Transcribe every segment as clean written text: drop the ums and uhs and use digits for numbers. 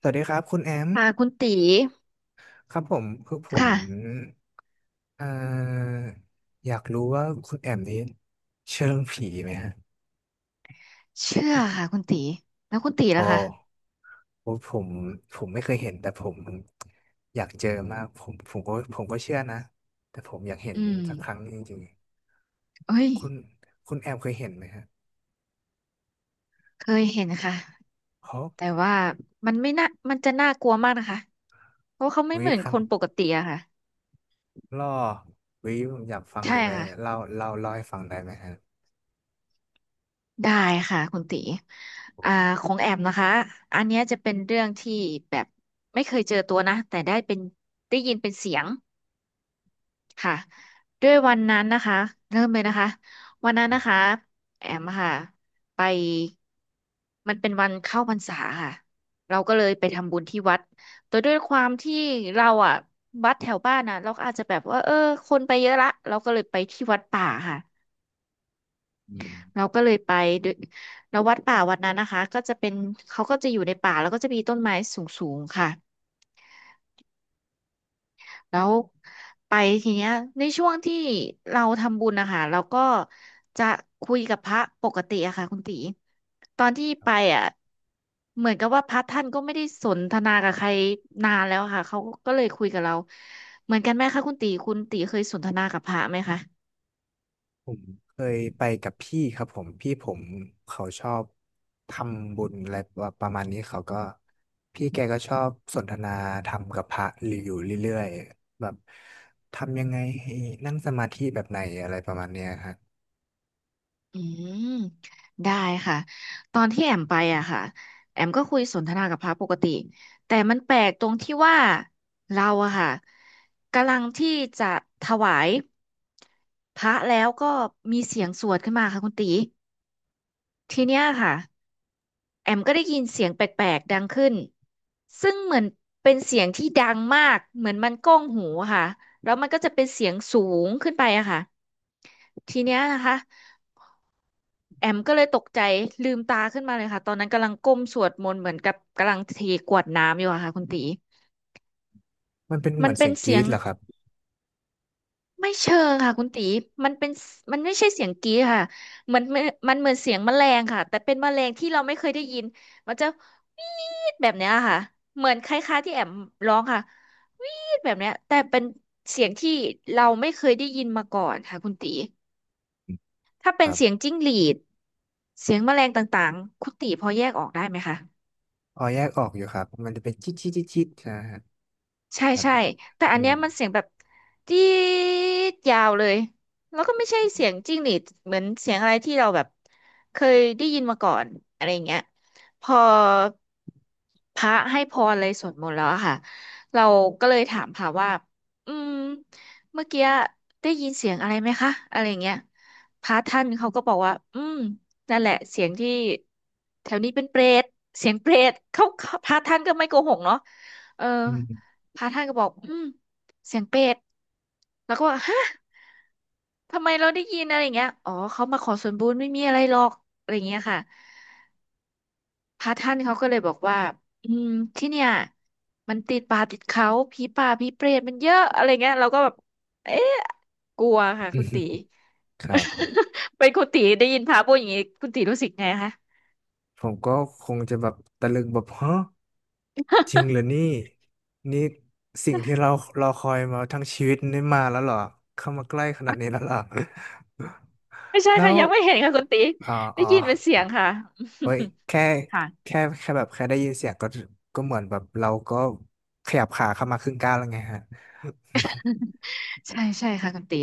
สวัสดีครับคุณแอมค่ะคุณตีครับผมค่ะเอ่ออยากรู้ว่าคุณแอมนี่เชื่อเรื่องผีไหมฮะเชื่อค่ะคุณตีแล้วคุณตีล่ะโอ้คะโอ้ผมผมไม่เคยเห็นแต่ผมอยากเจอมากผมก็เชื่อนะแต่ผมอยากเห็นอืสักครั้งมจริงเอ้ยๆคุณแอมเคยเห็นไหมฮะเคยเห็นค่ะฮะแต่ว่ามันไม่น่ามันจะน่ากลัวมากนะคะเพราะเขาไม่วิเหมือนครัคนนปกติอะค่ะล่อวิผมอยากฟังใช่จังเลยค่ะเล่าให้ฟังได้ไหมฮะได้ค่ะคุณตีอ่าของแอมนะคะอันเนี้ยจะเป็นเรื่องที่แบบไม่เคยเจอตัวนะแต่ได้เป็นได้ยินเป็นเสียง ค่ะด้วยวันนั้นนะคะเริ่มเลยนะคะวันนั้นครันะคะบแอมค่ะไปมันเป็นวันเข้าพรรษาค่ะเราก็เลยไปทำบุญที่วัดแต่ด้วยความที่เราอะวัดแถวบ้านนะเราก็อาจจะแบบว่าเออคนไปเยอะละเราก็เลยไปที่วัดป่าค่ะอืเราม ก็เลยไปด้วยแล้ววัดป่าวัดนั้นนะคะก็จะเป็นเขาก็จะอยู่ในป่าแล้วก็จะมีต้นไม้สูงๆค่ะ แล้วไปทีเนี้ยในช่วงที่เราทำบุญนะคะเราก็จะคุยกับพระปกติอะค่ะคุณตีตอนที่ไปอะเหมือนกับว่าพระท่านก็ไม่ได้สนทนากับใครนานแล้วอะค่ะเขาก็เลยคุยกับเราเหมือนกันไหมคะคุณตีคุณตีเคยสนทนากับพระไหมคะ ผมเคยไปกับพี่ครับพี่ผมเขาชอบทำบุญอะไรประมาณนี้เขาก็พี่แกก็ชอบสนทนาธรรมกับพระอยู่เรื่อยๆแบบทำยังไงให้นั่งสมาธิแบบไหนอะไรประมาณเนี้ยครับอืมได้ค่ะตอนที่แอมไปอะค่ะแอมก็คุยสนทนากับพระปกติแต่มันแปลกตรงที่ว่าเราอะค่ะกำลังที่จะถวายพระแล้วก็มีเสียงสวดขึ้นมาค่ะคุณตีทีเนี้ยค่ะแอมก็ได้ยินเสียงแปลกๆดังขึ้นซึ่งเหมือนเป็นเสียงที่ดังมากเหมือนมันก้องหูอะค่ะแล้วมันก็จะเป็นเสียงสูงขึ้นไปอะค่ะทีเนี้ยนะคะ แอมก็เลยตกใจลืมตาขึ้นมาเลยค่ะตอนนั้นกำลังก้มสวดมนต์เหมือนกับกำลังเทกวดน้ำอยู่อะค่ะคุณตีมันเป็นเหมัมืนอนเป็เสีนยงกเสีรี๊ยดงเหรอครับไม่เชิงค่ะคุณตีมันเป็นมันไม่ใช่เสียงกรี๊ดค่ะมันมันเหมือนเสียงแมลงค่ะแต่เป็นแมลงที่เราไม่เคยได้ยินมันจะวีดแบบเนี้ยค่ะเหมือนคล้ายๆที่แอมร้องค่ะวีดแบบเนี้ยแต่เป็นเสียงที่เราไม่เคยได้ยินมาก่อนค่ะคุณตีถ้าคเป็นรัเสียงบจิ้งหรีดเสียงแมลงต่างๆคุณตีพอแยกออกได้ไหมคะ อ๋อแยกออกอยู่ครับมันจะเป็นจิ๊ดจิ๊ดจิ๊ดจิ๊ดนะฮะใช่ครับใช่ แต่อัอืนมเนี้ยมันเสียงแบบจี๊ดยาวเลยแล้วก็ไม่ใช่เสียงจิ้งหรีดเหมือนเสียงอะไรที่เราแบบเคยได้ยินมาก่อนอะไรอย่างเงี้ยพอพระให้พรเลยสวดมนต์แล้วอะค่ะเราก็เลยถามพระว่าอืมเมื่อกี้ได้ยินเสียงอะไรไหมคะอะไรอย่างเงี้ยพระท่านเขาก็บอกว่าอืมนั่นแหละเสียงที่แถวนี้เป็นเปรตเสียงเปรตเขาพระท่านก็ไม่โกหกเนาะเออ อืม พระท่านก็บอกอืมเสียงเป็ดแล้วก็บอกฮะทำไมเราได้ยินอะไรอย่างเงี้ยอ๋อเขามาขอส่วนบุญไม่มีอะไรหรอกอะไรอย่างเงี้ยค่ะพระท่านเขาก็เลยบอกว่าอืมที่เนี่ยมันติดป่าติดเขาผีป่าผีเปรตมันเยอะอะไรเงี้ยเราก็แบบเอ๊ะกลัวค่ะคุณตี ครับ เป็นคุณตีได้ยินพระพูดอย่างงี้คุณตีรู้สึกไงคะผมก็คงจะแบบตะลึงแบบฮะ จริงเหรอนี่นี่สิ่งที่เรารอคอยมาทั้งชีวิตนี่มาแล้วเหรอเข้ามาใกล้ขนาดนี้แล้วเหรอ ไม่ใช่ แล้ค่ะวยังไม่เห็นค่ะคุณตีอ๋ออ๋ได้อยินเป็นเสียงค่ะ เฮ้ยแค่ ค่ะ แค่แค่แบบแค่ได้ยินเสียงก็เหมือนแบบเราก็ขยับขาเข้ามาครึ่งก้าวแล้วไงฮะใช่ใช่ค่ะคุณตี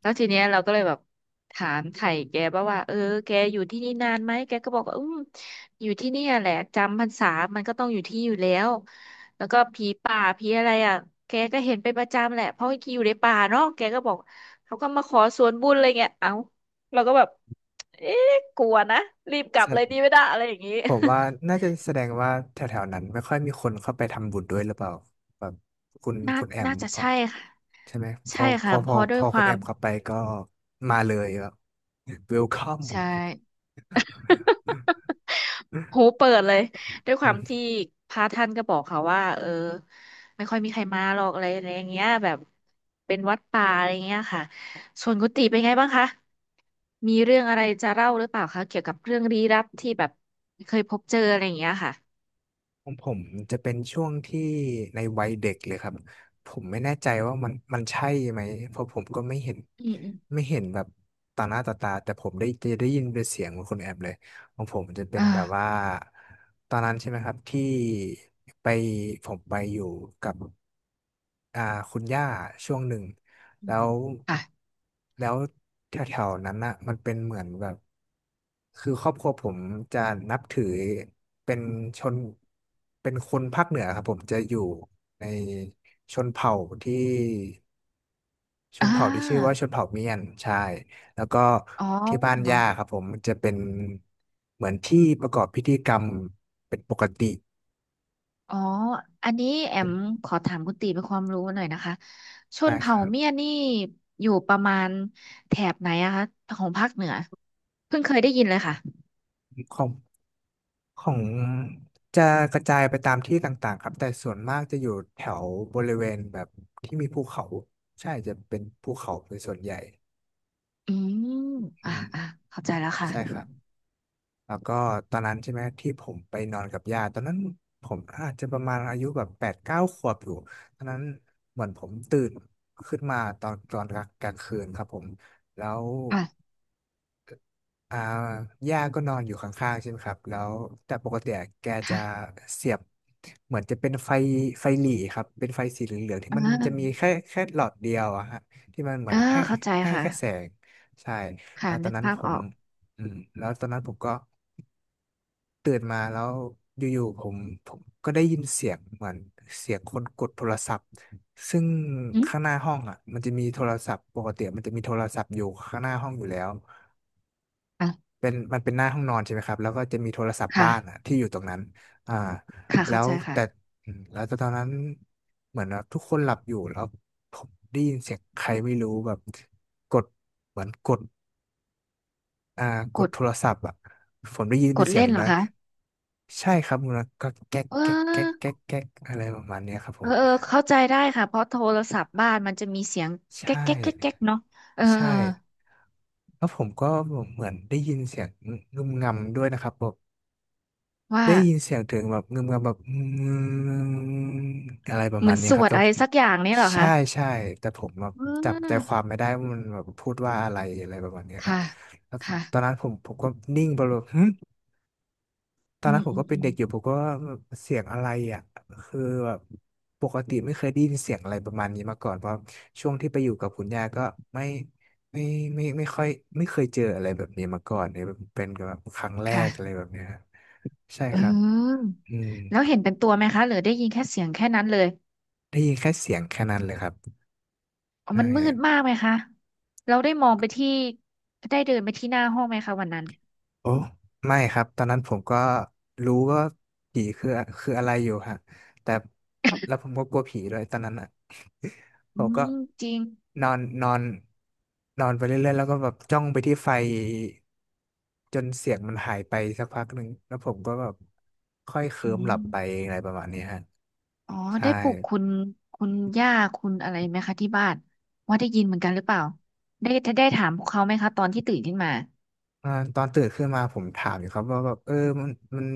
แล้วทีเนี้ยเราก็เลยแบบถามไถ่แกบ้างว่าเออแกอยู่ที่นี่นานไหมแกก็บอกว่าอืมอยู่ที่เนี่ยแหละจำพรรษามันก็ต้องอยู่ที่อยู่แล้วแล้วก็ผีป่าผีอะไรอ่ะแกก็เห็นเป็นประจำแหละเพราะอยู่ในป่าเนาะแกก็บอกเขาก็มาขอส่วนบุญอะไรเงี้ยเอ้าเราก็แบบเอ๊ะกลัวนะรีบกลัแสบเลดยดีไม่ได้อะไรอย่างงี้ ผมว่าน่าจะแสดงว่าแถวๆนั้นไม่ค่อยมีคนเข้าไปทำบุญด้วยหรือเปล่าแบบคุณ น่าคุณแอมน่าจะพอใช่ค่ะใช่ไหมพใช่อพค่ะอพเพอราะด้พวยอคคุณวาแอมมเข้าไปก็มาเลยแบบ welcome ใช่ หูเปิดเลยด้วยคอืวามมที่พระท่านก็บอกเขาว่าเออไม่ค่อยมีใครมาหรอกอะไรอะไรอย่างเงี้ยแบบเป็นวัดป่าอะไรเงี้ยค่ะส่วนกุฏิเป็นไงบ้างคะมีเรื่องอะไรจะเล่าหรือเปล่าคะเกี่ยวกับเรื่องลี้ลับที่แบบเคยพบเจออะไรอย่างเงี้ยค่ะของผมจะเป็นช่วงที่ในวัยเด็กเลยครับผมไม่แน่ใจว่ามันใช่ไหมเพราะผมก็ไม่เห็นอืมอืมแบบต่อหน้าต่อตาแต่ผมได้ยินเป็นเสียงของคนแอบเลยของผมจะเป็อนแบบว่า่าตอนนั้นใช่ไหมครับที่ไปผมไปอยู่กับ อ่าคุณย่าช่วงหนึ่งอืแล้มวค่ะแล้วแถวๆนั้นน่ะมันเป็นเหมือนแบบคือครอบครัวผมจะนับถือเป็นชนเป็นคนภาคเหนือครับผมจะอยู่ในชนเผ่าที่อ่าชื่อว่าชนเผ่าเมียนใช่แล้วก็อ๋อ ที่บ้านย่าครับผมมันจะเป็นเหมือนที่ประกอบพิธีกรรมเป็นปกติอ๋อ อันนี้แอมขอถามคุณตีเป็นความรู้หน่อยนะคะชได้นคเผ่ารัเมียนี่อยู่ประมาณแถบไหนอะคะของภาคเหนือเพิ่งเคยได้ยินเลยค่ะบ ของจะกระจายไปตามที่ต่างๆครับแต่ส่วนมากจะอยู่แถวบริเวณแบบที่มีภูเขาใช่จะเป็นภูเขาเป็นส่วนใหญ่อืมอือ่ามอ่าเข้าใจแล้วใช่คค่ะรับแล้วก็ตอนนั้นใช่ไหมที่ผมไปนอนกับยาตตอนนั้นผมอาจจะประมาณอายุแบบแปดเก้าขวบอยู่ตอนนั้นเหมือนผมตื่นขึ้นมาตอนกลางคืนครับผมแล้ว ค่ะอ่าย่าก็นอนอยู่ข้างๆใช่ไหมครับแล้วแต่ปกติอะแกจะค่ะเสียบเหมือนจะเป็นไฟไฟหรี่ครับเป็นไฟสีเหลืองๆที่อ่มันจะมีาแค่หลอดเดียวอะฮะที่มันเหมืออ่านให้เข้าใจให้ค่ะแค่แสงใช่ค่ะแล้วตอนึนกนั้นภาผพอมอกอืมแล้วตอนนั้นผมก็ตื่นมาแล้วอยู่ๆผมก็ได้ยินเสียงเหมือนเสียงคนกดโทรศัพท์ซึ่งอืมข้างหน้าห้องอ่ะมันจะมีโทรศัพท์ปกติมันจะมีโทรศัพท์อยู่ข้างหน้าห้องอยู่แล้ว อ่ะเป็นมันเป็นหน้าห้องนอนใช่ไหมครับแล้วก็จะมีโทรศัพท์ค่ะบ้านอ่ะที่อยู่ตรงนั้นอ่าค่ะแล้เข้าวใจค่ะแต่อืมแล้วตอนนั้นเหมือนว่าทุกคนหลับอยู่แล้วผมได้ยินเสียงใครไม่รู้แบบกดเหมือนกดอ่ากกดดโทรศัพท์อ่ะผมได้ยินกเป็นดเสียงเล่นเหรอนะคะใช่ครับคุณนะก็แก๊กเอแก๊กแก๊กอแก๊กแก๊กอะไรประมาณเนี้ยครับผเออมเออเข้าใจได้ค่ะ เพราะโทรศัพท์บ้านมันจะมีเสียงแก๊ใช่กแก๊กแก๊กแก๊กเนาะเออใช่แล้วผมก็เหมือนได้ยินเสียงงุ่มงำด้วยนะครับ ว่า ได้ยินเสียงถึงแบบเงืมเงแบบอืมอะไรประเหมืมาอณนนี้สครัวบดแต่อะไรผมสักอย่างเนี่ยเหรอใช่คะใช่แต่ผมแบบอจับใจค่าวามไม่ได้ว่ามันแบบพูดว่าอะไรอะไรประมาณนี้ครับค่ะ แล้วค่ะตอนนั้นผมก็นิ่งไปเลยหึตอนอืนั้นมผมอืก็มเป็อืนมเด็กอยู่ผมก็ว่าเสียงอะไรอ่ะคือแบบปกติไม่เคยได้ยินเสียงอะไรประมาณนี้มาก่อนเพราะช่วงที่ไปอยู่กับคุณย่าก็ไม่ไม่ไม่ค่อยไม่เคยเจออะไรแบบนี้มาก่อนเนี่ยเป็นแบบครั้งแรกอะไรค่ะแบบเนี้ยครับใช่เครับอออืม แล้วเห็นเป็นตัวไหมคะหรือได้ยินแค่เสียงแค่นั้นเลยได้ยินแค่เสียงแค่นั้นเลยครับอ๋อใช่มันมืดมากไหมคะ เราได้มองไปที่เดินไปที่หน้าห้องไหมคะวันนั้น โอ้ไม่ครับ ตอนนั้นผมก็รู้ว่าผีคืออะไรอยู่ฮะแต่แล้ว ผมก็กลัวผีด้วยตอนนั้นอ่ะ ผอืมก็มจริงนอนนอนนอนไปเรื่อยๆแล้วก็แบบจ้องไปที่ไฟจนเสียงมันหายไปสักพักหนึ่งแล้วผมก็แบบค่อยเคอืลิ้มหลัมบไปอะไรประมาณนี้ฮะอ๋อใช่ ได้ปลุกคุณย่าคุณอะไรไหมคะที่บ้านว่าได้ยินเหมือนกันหรือเปล่า ได้ได้ถามพวกเขาไหมคะตอนที่ตื่นขึ้นมาตอนตื่นขึ้นมาผมถามอยู่ครับว่าแบบเออมันมัน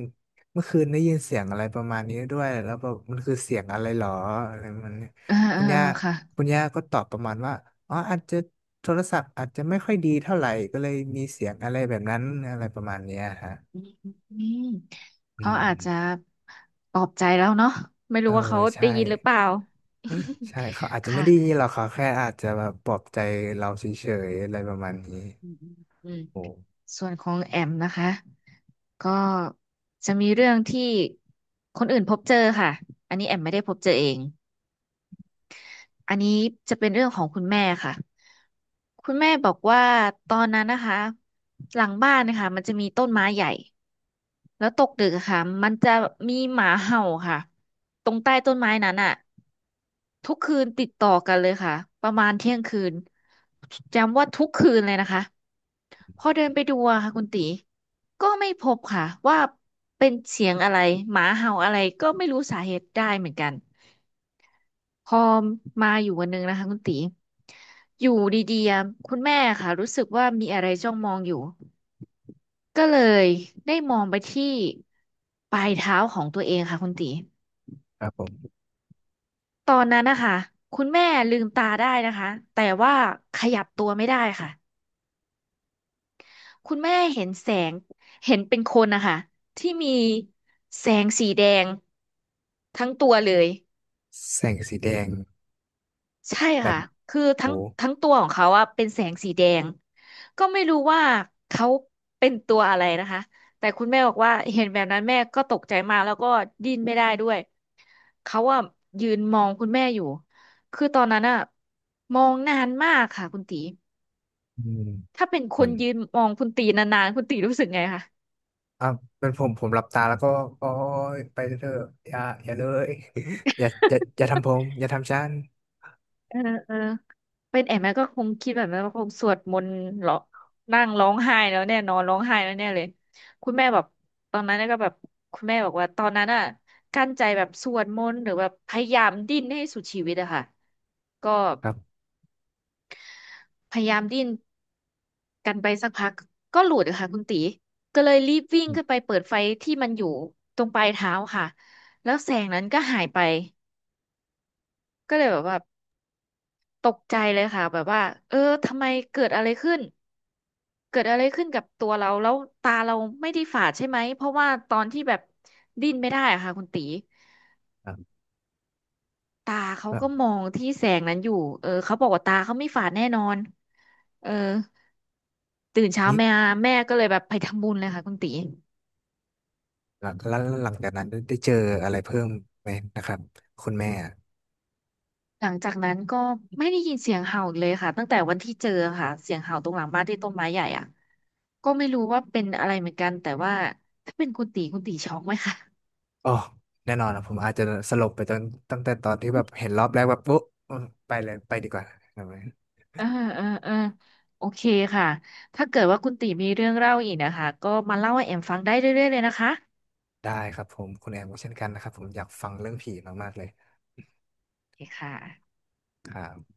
เมื่อคืนได้ยินเสียงอะไรประมาณนี้ด้วยแล้วแบบมันคือเสียงอะไรหรออะไรมันเนี่ยเออเอคุอณย่าเออค่ะ คุณย่าก็ตอบประมาณว่าอ๋ออาจจะโทรศัพท์อาจจะไม่ค่อยดีเท่าไหร่ก็เลยมีเสียงอะไรแบบนั้นอะไรประมาณเนี้ยฮะอืมอืเขาอาจจะมปลอบใจแล้วเนาะไม่เออรู้ว่าเขาใช่ ได้ยินหรือเปล่า ใช่เขาอาจ จะไม่ค่ะได้ยินหรอกเขาแค่อาจจะแบบปลอบใจเราเฉยๆอะไรประมาณนี้อืมอืมโอ้ส่วนของแอมนะคะก็จะมีเรื่องที่คนอื่นพบเจอค่ะอันนี้แอมไม่ได้พบเจอเองอันนี้จะเป็นเรื่องของคุณแม่ค่ะคุณแม่บอกว่าตอนนั้นนะคะหลังบ้านนะคะมันจะมีต้นไม้ใหญ่ แล้วตกดึกอะค่ะมันจะมีหมาเห่าค่ะตรงใต้ต้นไม้นั้นอ่ะทุกคืนติดต่อกันเลยค่ะประมาณเที่ยงคืนจำว่าทุกคืนเลยนะคะพอเดินไปดูอะค่ะคุณตีก็ไม่พบค่ะว่าเป็นเสียงอะไรหมาเห่าอะไรก็ไม่รู้สาเหตุได้เหมือนกันพอมาอยู่วันหนึงนะคะคุณตีอยู่ดีๆอะคุณแม่ค่ะรู้สึกว่ามีอะไรจ้องมองอยู่ ก็เลยได้มองไปที่ปลายเท้าของตัวเองค่ะคุณตีครับผมตอนนั้นนะคะคุณแม่ลืมตาได้นะคะแต่ว่าขยับตัวไม่ได้ค่ะคุณแม่เห็นแสงเห็นเป็นคนนะคะที่มีแสงสีแดงทั้งตัวเลยแสงสีแดงใช่แบบค่ะคือทั้โอ้งทั้งตัวของเขาอะเป็นแสงสีแดงก็ไม่รู้ว่าเขาเป็นตัวอะไรนะคะแต่คุณแม่บอกว่าเห็นแบบนั้นแม่ก็ตกใจมากแล้วก็ดิ้นไม่ได้ด้วย เขาอะยืนมองคุณแม่อยู่คือตอนนั้นอะมองนานมากค่ะคุณตีอืมถ้าเป็นคเหมืนอน ยืนมองคุณตีนานๆคุณตีรู้สึกไงคะอ่ะเป็นผมหลับตาแล้วก็โอ้ยไปเถอะอย่าอย่าเลย อย่าอย่าทำผมอย่าทำฉันเออเออเป็นแอมแม่ก็คงคิดแบบนั้นว่าคงสวดมนต์เหรอนั่งร้องไห้แล้วแน่นอนร้องไห้แล้วแน่เลยคุณแม่แบบตอนนั้นก็แบบคุณแม่บอกว่าตอนนั้นอะกั้นใจแบบสวดมนต์หรือแบบพยายามดิ้นให้สุดชีวิตอะค่ะก็ครับพยายามดิ้น กันไปสักพักก็หลุดอะค่ะคุณตีก็เลยรีบวิ่งอืขึ้นมไปเปิดไฟที่มันอยู่ตรงปลายเท้าค่ะแล้วแสงนั้นก็หายไปก็เลยแบบว่าตกใจเลยค่ะแบบว่าเออทำไมเกิดอะไรขึ้นเกิดอะไรขึ้นกับตัวเราแล้วตาเราไม่ได้ฝาดใช่ไหมเพราะว่าตอนที่แบบดิ้นไม่ได้อะค่ะคุณตีครับตาเขาอ่ะก็มองที่แสงนั้นอยู่เออเขาบอกว่าตาเขาไม่ฝาดแน่นอนเออตื่นเช้านี่แม่ก็เลยแบบไปทำบุญเลยค่ะคุณตี หลังแล้วหลังจากนั้นได้เจออะไรเพิ่มไหมนะครับคุณแม่อะหลังจากนั้นก็ไม่ได้ยินเสียงเห่าอีกเลยค่ะตั้งแต่วันที่เจอค่ะเสียงเห่าตรงหลังบ้านที่ต้นไม้ใหญ่อ่ะก็ไม่รู้ว่าเป็นอะไรเหมือนกันแต่ว่าถ้าเป็นคุณตีคุณตีช็อกไหมคะอ๋อแน่นอนนะผมอาจจะสลบไปตั้งแต่ตอนที่แบบเห็นรอบแรกแบบปุ๊บอืมไปเลยไปดีกว่าครับเออเออโอเคค่ะถ้าเกิดว่าคุณตีมีเรื่องเล่าอีกนะคะก็มาเล่าให้แอมฟังได้เรื่อยๆเลยนะคะได้ครับผมคุณแอมก็เช่นกันนะครับผมอยากฟังเรื่องผีมากๆเลยโอเคค่ะครับ